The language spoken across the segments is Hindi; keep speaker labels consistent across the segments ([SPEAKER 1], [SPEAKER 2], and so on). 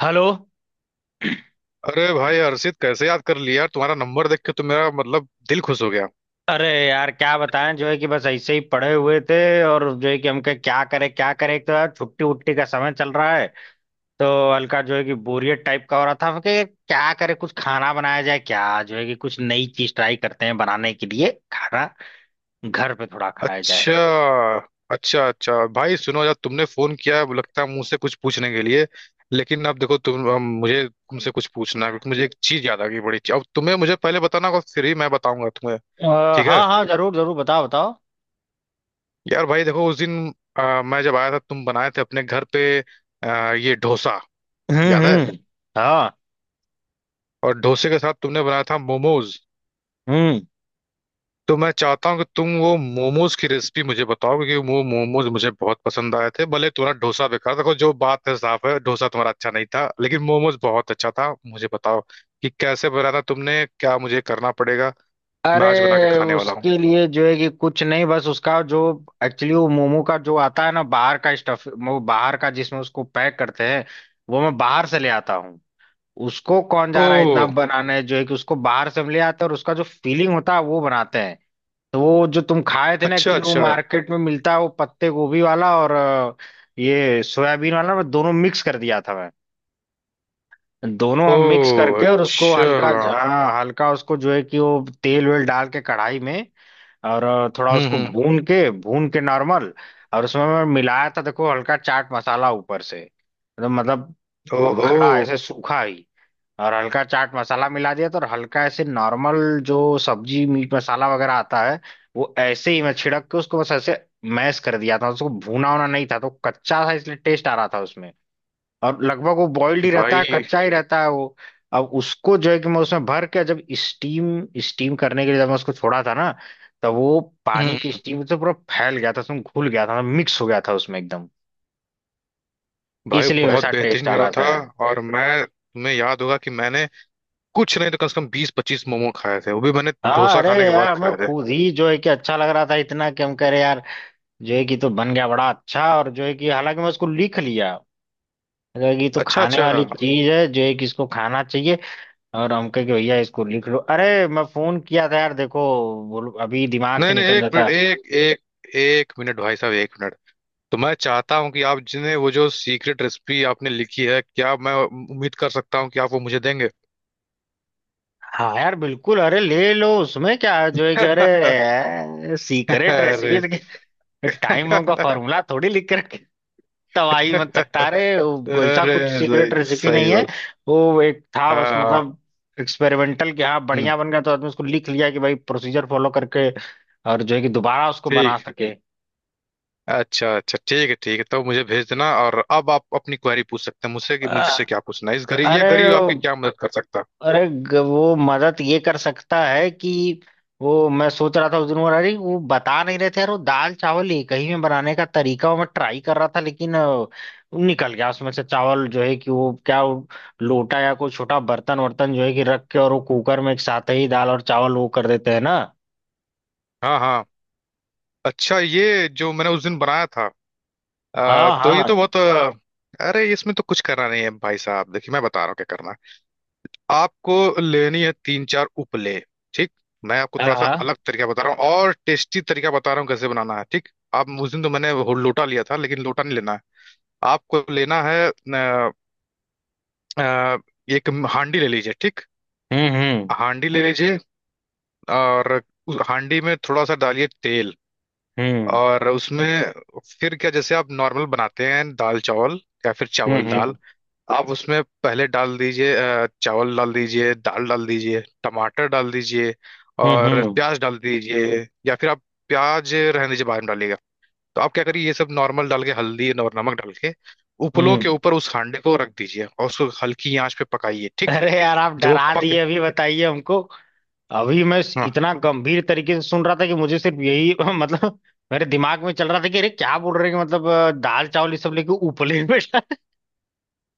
[SPEAKER 1] हेलो।
[SPEAKER 2] अरे भाई हर्षित, कैसे याद कर लिया यार? तुम्हारा नंबर देख के तो मेरा मतलब दिल खुश हो गया।
[SPEAKER 1] अरे यार क्या बताएं जो है कि बस ऐसे ही पड़े हुए थे। और जो है कि हम कहे क्या करें क्या करें, एक तो यार छुट्टी उट्टी का समय चल रहा है। तो हल्का जो है कि बोरियत टाइप का हो रहा था, हम कहे क्या करें, कुछ खाना बनाया जाए क्या, जो है कि कुछ नई चीज ट्राई करते हैं बनाने के लिए खाना, घर पे थोड़ा खाया जाए।
[SPEAKER 2] अच्छा अच्छा, अच्छा भाई सुनो यार, तुमने फोन किया अब लगता है मुझसे कुछ पूछने के लिए। लेकिन अब देखो तुम, अब मुझे तुमसे कुछ पूछना है, क्योंकि मुझे एक चीज याद आ गई बड़ी। अब तुम्हें मुझे पहले बताना होगा, फिर ही मैं बताऊंगा तुम्हें।
[SPEAKER 1] अ,
[SPEAKER 2] ठीक है।
[SPEAKER 1] हाँ हाँ, जरूर जरूर, बताओ बताओ।
[SPEAKER 2] यार भाई देखो उस दिन मैं जब आया था तुम बनाए थे अपने घर पे ये डोसा। याद है।
[SPEAKER 1] हम्म। हाँ।
[SPEAKER 2] और डोसे के साथ तुमने बनाया था मोमोज।
[SPEAKER 1] हम्म।
[SPEAKER 2] तो मैं चाहता हूँ कि तुम वो मोमोज की रेसिपी मुझे बताओ, क्योंकि वो मोमोज मुझे बहुत पसंद आए थे। भले तुम्हारा डोसा बेकार था, देखो जो बात है साफ है, डोसा तुम्हारा अच्छा नहीं था लेकिन मोमोज बहुत अच्छा था। मुझे बताओ कि कैसे बनाया था तुमने, क्या मुझे करना पड़ेगा? मैं आज बना के
[SPEAKER 1] अरे
[SPEAKER 2] खाने वाला हूँ।
[SPEAKER 1] उसके लिए जो है कि कुछ नहीं, बस उसका जो एक्चुअली वो मोमो का जो आता है ना बाहर का स्टफ, वो बाहर का जिसमें उसको पैक करते हैं, वो मैं बाहर से ले आता हूँ। उसको कौन
[SPEAKER 2] ओ
[SPEAKER 1] जा रहा है इतना बनाने, जो है कि उसको बाहर से हम ले आते हैं और उसका जो फीलिंग होता है वो बनाते हैं। तो वो जो तुम खाए थे ना,
[SPEAKER 2] अच्छा
[SPEAKER 1] एक्चुअली वो
[SPEAKER 2] अच्छा।
[SPEAKER 1] मार्केट में मिलता है, वो पत्ते गोभी वाला और ये सोयाबीन वाला, मैं दोनों मिक्स कर दिया था। मैं दोनों
[SPEAKER 2] ओ
[SPEAKER 1] हम मिक्स करके और उसको
[SPEAKER 2] अच्छा।
[SPEAKER 1] हल्का, हाँ हल्का उसको जो है कि वो तेल वेल डाल के कढ़ाई में। और थोड़ा उसको
[SPEAKER 2] हम्म।
[SPEAKER 1] भून के नॉर्मल। और उसमें मैं मिलाया था, देखो, हल्का चाट मसाला ऊपर से। तो मतलब
[SPEAKER 2] ओहो।
[SPEAKER 1] खड़ा ऐसे सूखा ही, और हल्का चाट मसाला मिला दिया था, और हल्का ऐसे नॉर्मल जो सब्जी मीट मसाला वगैरह आता है, वो ऐसे ही मैं छिड़क के उसको बस ऐसे मैश कर दिया था। उसको भूना होना नहीं था तो कच्चा था, इसलिए टेस्ट आ रहा था उसमें। और लगभग वो बॉइल्ड ही रहता है,
[SPEAKER 2] भाई।
[SPEAKER 1] कच्चा ही रहता है वो। अब उसको जो है कि मैं उसमें भर के जब स्टीम स्टीम करने के लिए जब मैं उसको छोड़ा था ना, तो वो पानी की
[SPEAKER 2] हम्म,
[SPEAKER 1] स्टीम से पूरा फैल गया था, उसमें घुल गया था, मिक्स हो गया था उसमें एकदम।
[SPEAKER 2] भाई
[SPEAKER 1] इसलिए मेरे
[SPEAKER 2] बहुत
[SPEAKER 1] साथ टेस्ट
[SPEAKER 2] बेहतरीन
[SPEAKER 1] आ
[SPEAKER 2] बना
[SPEAKER 1] रहा
[SPEAKER 2] था।
[SPEAKER 1] था।
[SPEAKER 2] और मैं, तुम्हें याद होगा कि मैंने कुछ नहीं तो कम से कम 20-25 मोमो खाए थे, वो भी मैंने
[SPEAKER 1] हाँ
[SPEAKER 2] डोसा
[SPEAKER 1] अरे
[SPEAKER 2] खाने के
[SPEAKER 1] यार,
[SPEAKER 2] बाद
[SPEAKER 1] हमें
[SPEAKER 2] खाए थे।
[SPEAKER 1] खुद ही जो है कि अच्छा लग रहा था इतना कि हम कह रहे यार जो है कि तो बन गया बड़ा अच्छा। और जो है कि हालांकि मैं उसको लिख लिया, जो है कि तो
[SPEAKER 2] अच्छा
[SPEAKER 1] खाने
[SPEAKER 2] अच्छा।
[SPEAKER 1] वाली चीज है, जो है कि इसको खाना चाहिए। और हम कहे कि भैया इसको लिख लो। अरे मैं फोन किया था यार, देखो, बोलो अभी दिमाग से
[SPEAKER 2] नहीं नहीं,
[SPEAKER 1] निकल
[SPEAKER 2] एक मिनट।
[SPEAKER 1] जाता।
[SPEAKER 2] एक एक एक मिनट भाई साहब, एक मिनट। तो मैं चाहता हूँ कि आप जिन्हें वो जो सीक्रेट रेसिपी आपने लिखी है, क्या मैं उम्मीद कर सकता हूँ कि आप वो मुझे देंगे?
[SPEAKER 1] हाँ यार बिल्कुल, अरे ले लो, उसमें क्या है, जो है कि अरे सीक्रेट
[SPEAKER 2] अरे।
[SPEAKER 1] रेसिपी, टाइम बम का फॉर्मूला थोड़ी लिख कर तबाही मत सकता। अरे वो कोई सा
[SPEAKER 2] अरे
[SPEAKER 1] कुछ सीक्रेट
[SPEAKER 2] सही
[SPEAKER 1] रेसिपी
[SPEAKER 2] सही
[SPEAKER 1] नहीं है।
[SPEAKER 2] बात।
[SPEAKER 1] वो एक था
[SPEAKER 2] हाँ
[SPEAKER 1] बस,
[SPEAKER 2] हाँ।
[SPEAKER 1] मतलब एक्सपेरिमेंटल कि हाँ
[SPEAKER 2] हम्म,
[SPEAKER 1] बढ़िया बन गया तो आदमी उसको लिख लिया कि भाई, प्रोसीजर फॉलो करके और जो है कि दोबारा उसको बना
[SPEAKER 2] ठीक।
[SPEAKER 1] सके।
[SPEAKER 2] अच्छा अच्छा, ठीक है ठीक है। तो मुझे भेज देना। और अब आप अपनी क्वेरी पूछ सकते हैं मुझसे, कि मुझसे
[SPEAKER 1] अ-
[SPEAKER 2] क्या पूछना है? इस गरीब, ये
[SPEAKER 1] अरे,
[SPEAKER 2] गरीब आपकी क्या मदद कर सकता है?
[SPEAKER 1] अरे वो मदद ये कर सकता है कि वो मैं सोच रहा था उस दिन वो, अरे वो बता नहीं रहे थे यार वो दाल चावल एक ही में बनाने का तरीका, वो मैं ट्राई कर रहा था, लेकिन वो निकल गया उसमें से चावल, जो है कि वो क्या वो लोटा या कोई छोटा बर्तन वर्तन जो है कि रख के, और वो कुकर में एक साथ ही दाल और चावल वो कर देते हैं ना।
[SPEAKER 2] हाँ हाँ। अच्छा, ये जो मैंने उस दिन बनाया था
[SPEAKER 1] हाँ
[SPEAKER 2] तो ये तो
[SPEAKER 1] हाँ।
[SPEAKER 2] बहुत अरे इसमें तो कुछ करना नहीं है भाई साहब। देखिए मैं बता रहा हूँ क्या करना है आपको। लेनी है तीन चार उपले। ठीक। मैं आपको
[SPEAKER 1] हाँ
[SPEAKER 2] थोड़ा सा
[SPEAKER 1] हाँ।
[SPEAKER 2] अलग तरीका बता रहा हूँ, और टेस्टी तरीका बता रहा हूँ कैसे बनाना है। ठीक। आप उस दिन तो मैंने वो लोटा लिया था, लेकिन लोटा नहीं लेना है। आपको लेना है अ, एक हांडी ले लीजिए। ठीक।
[SPEAKER 1] हम्म।
[SPEAKER 2] हांडी ले लीजिए। और उस हांडी में थोड़ा सा डालिए तेल। और उसमें फिर क्या, जैसे आप नॉर्मल बनाते हैं दाल चावल, या फिर चावल दाल।
[SPEAKER 1] हम्म।
[SPEAKER 2] आप उसमें पहले डाल दीजिए चावल डाल दीजिए, दाल डाल दीजिए, टमाटर डाल दीजिए,
[SPEAKER 1] हम्म।
[SPEAKER 2] और प्याज डाल दीजिए। या फिर आप प्याज रहने दीजिए, बाद में डालिएगा। तो आप क्या करिए, ये सब नॉर्मल डाल के, हल्दी और नमक डाल के, उपलों के
[SPEAKER 1] हम्म।
[SPEAKER 2] ऊपर उस हांडे को रख दीजिए, और उसको हल्की आंच पे पकाइए। ठीक।
[SPEAKER 1] अरे यार, आप
[SPEAKER 2] जब वो
[SPEAKER 1] डरा
[SPEAKER 2] पक,
[SPEAKER 1] दिए अभी, बताइए हमको। अभी मैं इतना गंभीर तरीके से सुन रहा था कि मुझे सिर्फ यही मतलब मेरे दिमाग में चल रहा था कि अरे क्या बोल रहे हैं, कि मतलब दाल चावल ये सब लेके उपले में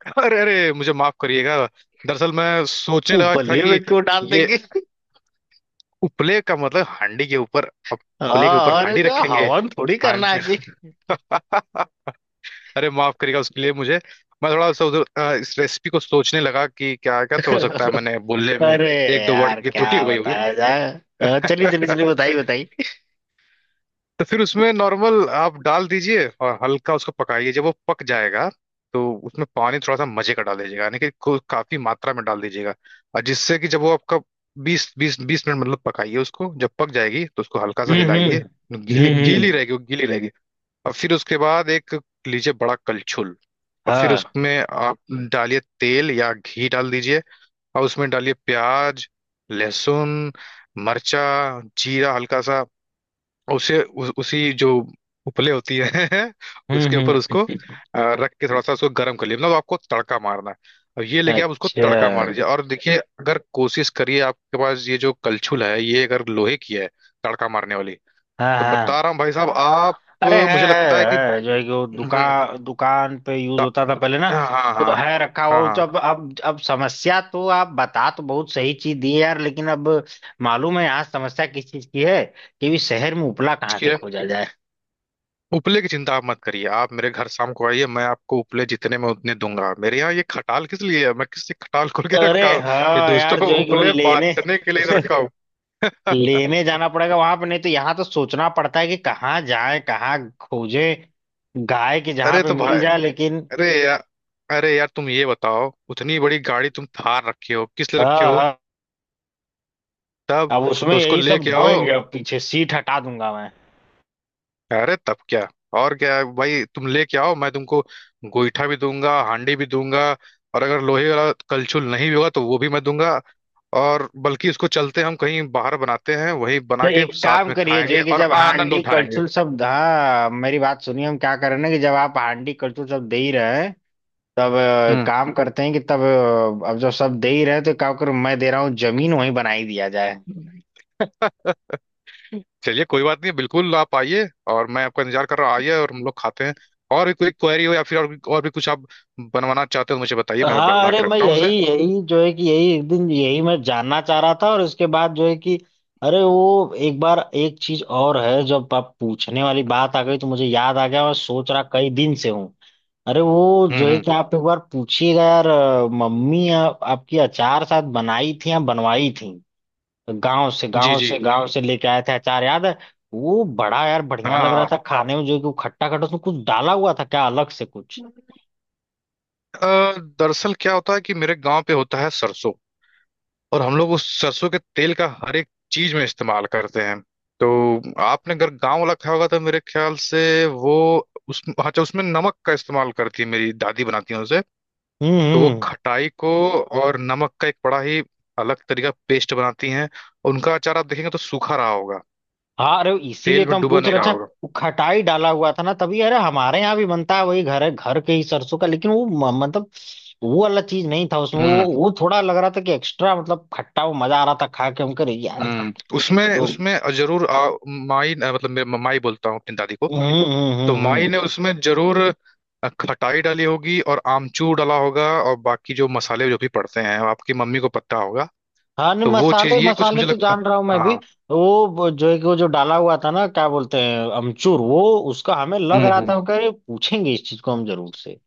[SPEAKER 2] अरे अरे, मुझे माफ करिएगा। दरअसल मैं सोचने लगा था
[SPEAKER 1] उपले में
[SPEAKER 2] कि
[SPEAKER 1] क्यों डाल
[SPEAKER 2] ये
[SPEAKER 1] देंगे।
[SPEAKER 2] उपले का मतलब हांडी के ऊपर। अब उपले के
[SPEAKER 1] हाँ
[SPEAKER 2] ऊपर
[SPEAKER 1] और
[SPEAKER 2] हांडी
[SPEAKER 1] क्या,
[SPEAKER 2] रखेंगे।
[SPEAKER 1] हवन थोड़ी करना
[SPEAKER 2] हांड
[SPEAKER 1] है कि।
[SPEAKER 2] अरे माफ करिएगा, उसके लिए मुझे। मैं थोड़ा सा उधर इस रेसिपी को सोचने लगा कि क्या क्या तो हो सकता है, मैंने बोलने में
[SPEAKER 1] अरे
[SPEAKER 2] एक दो वर्ड
[SPEAKER 1] यार
[SPEAKER 2] की
[SPEAKER 1] क्या
[SPEAKER 2] त्रुटि हो गई होगी।
[SPEAKER 1] बताया जाए। चलिए चलिए चलिए, बताइए बताइए।
[SPEAKER 2] तो फिर उसमें नॉर्मल आप डाल दीजिए, और हल्का उसको पकाइए। जब वो पक जाएगा तो उसमें पानी थोड़ा सा मजे का डाल दीजिएगा, यानी कि काफी मात्रा में डाल दीजिएगा। और जिससे कि जब वो आपका बीस बीस बीस मिनट मतलब पकाइए उसको, जब पक जाएगी तो उसको हल्का सा
[SPEAKER 1] हम्म।
[SPEAKER 2] हिलाइए। गीली
[SPEAKER 1] हम्म
[SPEAKER 2] गीली
[SPEAKER 1] हम्म,
[SPEAKER 2] रहेगी, वो गीली रहेगी। और फिर उसके बाद एक लीजिए बड़ा कलछुल। और फिर
[SPEAKER 1] हाँ।
[SPEAKER 2] उसमें आप डालिए तेल, या घी डाल दीजिए। और उसमें डालिए प्याज, लहसुन, मर्चा, जीरा हल्का सा। उसे उसी जो उपले होती है उसके
[SPEAKER 1] हम्म।
[SPEAKER 2] ऊपर उसको रख के थोड़ा सा उसको गर्म कर लिया, मतलब आपको तड़का मारना है। और ये लेके आप उसको
[SPEAKER 1] अच्छा।
[SPEAKER 2] तड़का मार दीजिए। और देखिए, अगर कोशिश करिए आपके पास ये जो कलछुल है, ये अगर लोहे की है तड़का मारने वाली,
[SPEAKER 1] हाँ
[SPEAKER 2] तो
[SPEAKER 1] हाँ।
[SPEAKER 2] बता रहा हूँ भाई साहब आप।
[SPEAKER 1] अरे
[SPEAKER 2] मुझे लगता है कि
[SPEAKER 1] है, जो है कि वो
[SPEAKER 2] हम्म,
[SPEAKER 1] दुकान दुकान पे यूज होता था पहले ना,
[SPEAKER 2] हाँ हाँ
[SPEAKER 1] तो
[SPEAKER 2] हाँ।
[SPEAKER 1] है रखा हुआ वो। तो
[SPEAKER 2] हाँ
[SPEAKER 1] अब समस्या, तो आप बता तो बहुत सही चीज दी है यार, लेकिन अब मालूम है यहाँ समस्या किस चीज की है, कि भी शहर में उपला कहाँ से
[SPEAKER 2] हाँ।
[SPEAKER 1] खोजा जाए।
[SPEAKER 2] उपले की चिंता आप मत करिए, आप मेरे घर शाम को आइए, मैं आपको उपले जितने में उतने दूंगा। मेरे यहाँ ये खटाल किस लिए है? मैं किससे खटाल खोल के
[SPEAKER 1] अरे
[SPEAKER 2] रखा हूँ? ये
[SPEAKER 1] हाँ
[SPEAKER 2] दोस्तों
[SPEAKER 1] यार
[SPEAKER 2] को
[SPEAKER 1] जो है कि वो
[SPEAKER 2] उपले
[SPEAKER 1] लेने
[SPEAKER 2] बांटने के लिए तो रखा हूँ।
[SPEAKER 1] लेने जाना पड़ेगा वहां पे, नहीं तो यहाँ तो सोचना पड़ता है कि कहाँ जाए कहाँ खोजे, गाय के जहाँ
[SPEAKER 2] अरे
[SPEAKER 1] पे
[SPEAKER 2] तो
[SPEAKER 1] मिल
[SPEAKER 2] भाई,
[SPEAKER 1] जाए लेकिन।
[SPEAKER 2] अरे यार, अरे यार तुम ये बताओ, उतनी बड़ी गाड़ी तुम थार रखे हो किस लिए रखे
[SPEAKER 1] हाँ,
[SPEAKER 2] हो? तब
[SPEAKER 1] अब उसमें
[SPEAKER 2] तो उसको
[SPEAKER 1] यही सब
[SPEAKER 2] लेके आओ।
[SPEAKER 1] ढोएंगे, अब पीछे सीट हटा दूंगा मैं।
[SPEAKER 2] अरे तब क्या, और क्या है भाई? तुम लेके आओ, मैं तुमको गोईठा भी दूंगा, हांडी भी दूंगा। और अगर लोहे वाला कलछुल नहीं भी होगा तो वो भी मैं दूंगा। और बल्कि इसको चलते हम कहीं बाहर बनाते हैं, वही
[SPEAKER 1] तो
[SPEAKER 2] बना के
[SPEAKER 1] एक
[SPEAKER 2] साथ
[SPEAKER 1] काम
[SPEAKER 2] में
[SPEAKER 1] करिए जो
[SPEAKER 2] खाएंगे
[SPEAKER 1] है कि
[SPEAKER 2] और
[SPEAKER 1] जब
[SPEAKER 2] आनंद
[SPEAKER 1] हांडी
[SPEAKER 2] उठाएंगे।
[SPEAKER 1] कलछुल शब्द, हाँ मेरी बात सुनिए, हम क्या कर रहे हैं ना कि जब आप हांडी कलछुल शब्द दे ही रहे हैं तब काम करते हैं कि तब अब जब शब्द दे ही रहे हैं तो क्या करूं, मैं दे रहा हूँ जमीन, वहीं बना ही दिया जाए।
[SPEAKER 2] हम्म। चलिए कोई बात नहीं, बिल्कुल आप आइए और मैं आपका इंतजार कर रहा हूँ। आइए और हम लोग खाते हैं। और भी कोई क्वेरी हो या फिर और भी कुछ आप बनवाना चाहते हो तो मुझे बताइए, मैं
[SPEAKER 1] हाँ
[SPEAKER 2] बना
[SPEAKER 1] अरे
[SPEAKER 2] के
[SPEAKER 1] मैं
[SPEAKER 2] रखता हूँ
[SPEAKER 1] यही,
[SPEAKER 2] उसे।
[SPEAKER 1] जो है कि यही एक दिन यही मैं जानना चाह रहा था, और उसके बाद जो है कि अरे वो एक बार एक चीज और है, जब आप पूछने वाली बात आ गई तो मुझे याद आ गया, और सोच रहा कई दिन से हूँ। अरे वो जो है
[SPEAKER 2] हम्म।
[SPEAKER 1] कि आप एक बार पूछिएगा यार, मम्मी, आपकी अचार शायद बनाई थी या बनवाई थी, गांव से
[SPEAKER 2] जी
[SPEAKER 1] गांव
[SPEAKER 2] जी।
[SPEAKER 1] से गांव से लेके आए थे अचार, याद है। वो बड़ा यार बढ़िया लग रहा था
[SPEAKER 2] हाँ
[SPEAKER 1] खाने में, जो है कि वो खट्टा खट्टा, उसमें कुछ डाला हुआ था क्या अलग से कुछ।
[SPEAKER 2] हाँ। दरअसल क्या होता है कि मेरे गांव पे होता है सरसों। और हम लोग उस सरसों के तेल का हर एक चीज में इस्तेमाल करते हैं। तो आपने अगर गांव वाला खाया होगा तो मेरे ख्याल से वो, उस हाँ, अच्छा, उसमें नमक का इस्तेमाल करती है, मेरी दादी बनाती है उसे। तो वो
[SPEAKER 1] हम्म।
[SPEAKER 2] खटाई को और नमक का एक बड़ा ही अलग तरीका पेस्ट बनाती हैं। उनका अचार आप देखेंगे तो सूखा रहा होगा,
[SPEAKER 1] हाँ अरे इसीलिए
[SPEAKER 2] तेल
[SPEAKER 1] तो
[SPEAKER 2] में
[SPEAKER 1] हम
[SPEAKER 2] डूबा
[SPEAKER 1] पूछ
[SPEAKER 2] नहीं
[SPEAKER 1] रहे
[SPEAKER 2] रहा
[SPEAKER 1] थे,
[SPEAKER 2] होगा।
[SPEAKER 1] वो खटाई डाला हुआ था ना तभी। अरे हमारे यहाँ भी बनता है वही, घर है घर के ही सरसों का, लेकिन वो मतलब वो वाला चीज नहीं था उसमें।
[SPEAKER 2] हम्म
[SPEAKER 1] वो थोड़ा लग रहा था कि एक्स्ट्रा मतलब खट्टा, वो मजा आ रहा था खा के, हम करे यार।
[SPEAKER 2] हम्म। उसमें,
[SPEAKER 1] तो
[SPEAKER 2] उसमें जरूर माई, मतलब मैं माई बोलता हूँ अपनी दादी को, तो
[SPEAKER 1] हम्म।
[SPEAKER 2] माई
[SPEAKER 1] हम्म।
[SPEAKER 2] ने उसमें जरूर खटाई डाली होगी और आमचूर डाला होगा। और बाकी जो मसाले जो भी पड़ते हैं वो आपकी मम्मी को पता होगा।
[SPEAKER 1] हाँ नहीं
[SPEAKER 2] तो वो चीज
[SPEAKER 1] मसाले
[SPEAKER 2] ये कुछ
[SPEAKER 1] मसाले
[SPEAKER 2] मुझे
[SPEAKER 1] तो
[SPEAKER 2] लगता।
[SPEAKER 1] जान रहा हूँ मैं भी।
[SPEAKER 2] हाँ।
[SPEAKER 1] जो है कि वो जो डाला हुआ था ना, क्या बोलते हैं अमचूर, वो उसका हमें लग रहा
[SPEAKER 2] हम्म।
[SPEAKER 1] था कि पूछेंगे इस चीज को हम जरूर से।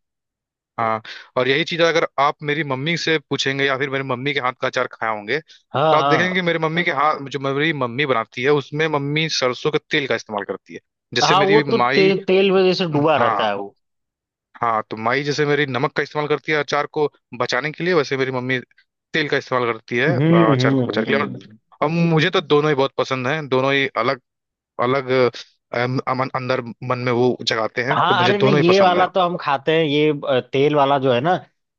[SPEAKER 2] हाँ। और यही चीज अगर आप मेरी मम्मी से पूछेंगे या फिर मेरी मम्मी के हाथ का अचार खाए होंगे,
[SPEAKER 1] हाँ
[SPEAKER 2] तो आप देखेंगे
[SPEAKER 1] हाँ।
[SPEAKER 2] मेरी मम्मी के हाथ, जो मेरी मम्मी बनाती है उसमें, मम्मी सरसों के तेल का इस्तेमाल करती है, जैसे
[SPEAKER 1] हाँ वो
[SPEAKER 2] मेरी
[SPEAKER 1] तो
[SPEAKER 2] माई।
[SPEAKER 1] तेल में जैसे डूबा रहता
[SPEAKER 2] हाँ
[SPEAKER 1] है वो।
[SPEAKER 2] हाँ। तो माई जैसे मेरी नमक का इस्तेमाल करती है अचार को बचाने के लिए, वैसे मेरी मम्मी तेल का इस्तेमाल करती है अचार को
[SPEAKER 1] हम्म।
[SPEAKER 2] बचाने के लिए। और
[SPEAKER 1] हम्म।
[SPEAKER 2] हम्म, अब मुझे तो दोनों ही बहुत पसंद हैं, दोनों ही अलग अलग अमन अंदर मन में वो जगाते हैं, तो
[SPEAKER 1] हाँ
[SPEAKER 2] मुझे
[SPEAKER 1] अरे नहीं,
[SPEAKER 2] दोनों ही
[SPEAKER 1] ये
[SPEAKER 2] पसंद
[SPEAKER 1] वाला
[SPEAKER 2] है।
[SPEAKER 1] तो हम खाते हैं ये, तेल वाला जो है ना,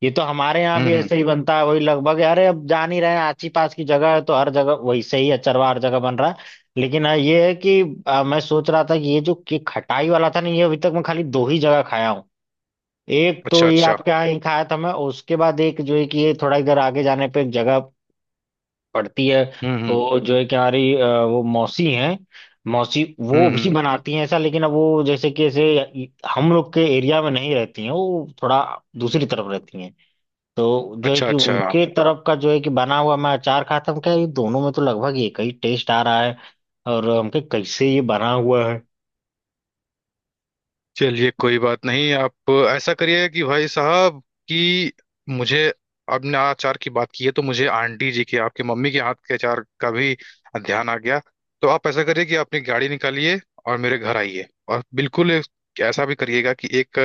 [SPEAKER 1] ये तो हमारे यहाँ भी
[SPEAKER 2] हम्म।
[SPEAKER 1] ऐसे ही बनता है वही, लगभग। अरे अब जान ही रहे हैं, आची पास की जगह है तो हर जगह वैसे ही अचरवा हर जगह बन रहा है। लेकिन हाँ ये है कि मैं सोच रहा था कि ये जो ये खटाई वाला था ना, ये अभी तक मैं खाली दो ही जगह खाया हूँ। एक
[SPEAKER 2] अच्छा
[SPEAKER 1] तो ये
[SPEAKER 2] अच्छा।
[SPEAKER 1] आपके यहाँ ही खाया था मैं, उसके बाद एक जो है कि ये थोड़ा इधर आगे जाने पे एक जगह पढ़ती है,
[SPEAKER 2] हम्म।
[SPEAKER 1] वो जो है कि हमारी वो मौसी हैं, मौसी वो भी
[SPEAKER 2] हम्म।
[SPEAKER 1] बनाती हैं ऐसा। लेकिन अब वो जैसे कि ऐसे हम लोग के एरिया में नहीं रहती हैं, वो थोड़ा दूसरी तरफ रहती हैं। तो जो है
[SPEAKER 2] अच्छा
[SPEAKER 1] कि
[SPEAKER 2] अच्छा।
[SPEAKER 1] उनके तरफ का जो है कि बना हुआ मैं अचार खाता था, हम क्या, ये दोनों में तो लगभग एक ही टेस्ट आ रहा है, और हम कहे कैसे ये बना हुआ है।
[SPEAKER 2] चलिए कोई बात नहीं, आप ऐसा करिए कि भाई साहब, कि मुझे, आपने अचार की बात की है तो मुझे आंटी जी के, आपके मम्मी के हाथ के अचार का भी ध्यान आ गया। तो आप ऐसा करिए कि आप अपनी गाड़ी निकालिए और मेरे घर आइए। और बिल्कुल ऐसा भी करिएगा कि एक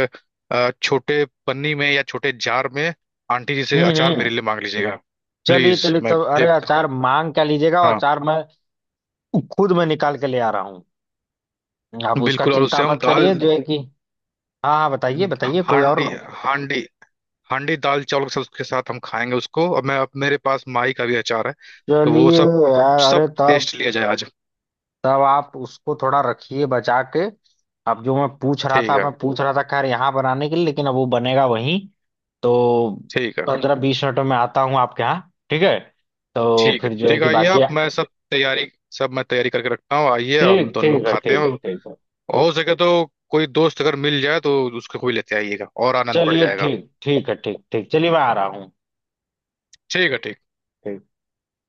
[SPEAKER 2] छोटे पन्नी में या छोटे जार में आंटी जी से
[SPEAKER 1] हम्म
[SPEAKER 2] अचार मेरे
[SPEAKER 1] हम्म।
[SPEAKER 2] लिए मांग लीजिएगा।
[SPEAKER 1] चलिए
[SPEAKER 2] प्लीज,
[SPEAKER 1] चलिए
[SPEAKER 2] मैं
[SPEAKER 1] तब, अरे
[SPEAKER 2] एक,
[SPEAKER 1] अचार मांग क्या लीजिएगा, और
[SPEAKER 2] हाँ,
[SPEAKER 1] अचार मैं खुद मैं निकाल के ले आ रहा हूँ, आप उसका
[SPEAKER 2] बिल्कुल। और
[SPEAKER 1] चिंता
[SPEAKER 2] उससे हम
[SPEAKER 1] मत
[SPEAKER 2] दाल,
[SPEAKER 1] करिए जो है कि। हाँ हाँ बताइए बताइए, कोई और।
[SPEAKER 2] हांडी हांडी हांडी दाल चावल के साथ, उसके साथ हम खाएंगे उसको। और मैं, अब मेरे पास माई का भी अचार है, तो वो
[SPEAKER 1] चलिए।
[SPEAKER 2] सब,
[SPEAKER 1] यार
[SPEAKER 2] सब
[SPEAKER 1] अरे तब,
[SPEAKER 2] टेस्ट लिया जाए आज।
[SPEAKER 1] तब आप उसको थोड़ा रखिए बचा के, अब जो मैं पूछ रहा
[SPEAKER 2] ठीक
[SPEAKER 1] था
[SPEAKER 2] है
[SPEAKER 1] मैं पूछ रहा था खैर यहाँ बनाने के लिए, लेकिन अब वो बनेगा वहीं, तो
[SPEAKER 2] ठीक है।
[SPEAKER 1] 15-20 मिनटों में आता हूँ आपके यहाँ। ठीक है, तो
[SPEAKER 2] ठीक है
[SPEAKER 1] फिर जो है
[SPEAKER 2] ठीक है,
[SPEAKER 1] कि
[SPEAKER 2] आइए
[SPEAKER 1] बाकी
[SPEAKER 2] आप, मैं सब तैयारी, सब मैं तैयारी करके रखता हूँ। आइए हम
[SPEAKER 1] ठीक
[SPEAKER 2] दोनों लोग
[SPEAKER 1] ठीक है,
[SPEAKER 2] खाते हैं,
[SPEAKER 1] ठीक
[SPEAKER 2] और
[SPEAKER 1] ठीक है।
[SPEAKER 2] हो सके तो कोई दोस्त अगर मिल जाए तो उसको भी लेते आइएगा, और आनंद बढ़
[SPEAKER 1] चलिए
[SPEAKER 2] जाएगा।
[SPEAKER 1] ठीक ठीक है ठीक ठीक, चलिए मैं आ रहा हूँ।
[SPEAKER 2] ठीक है। ठीक।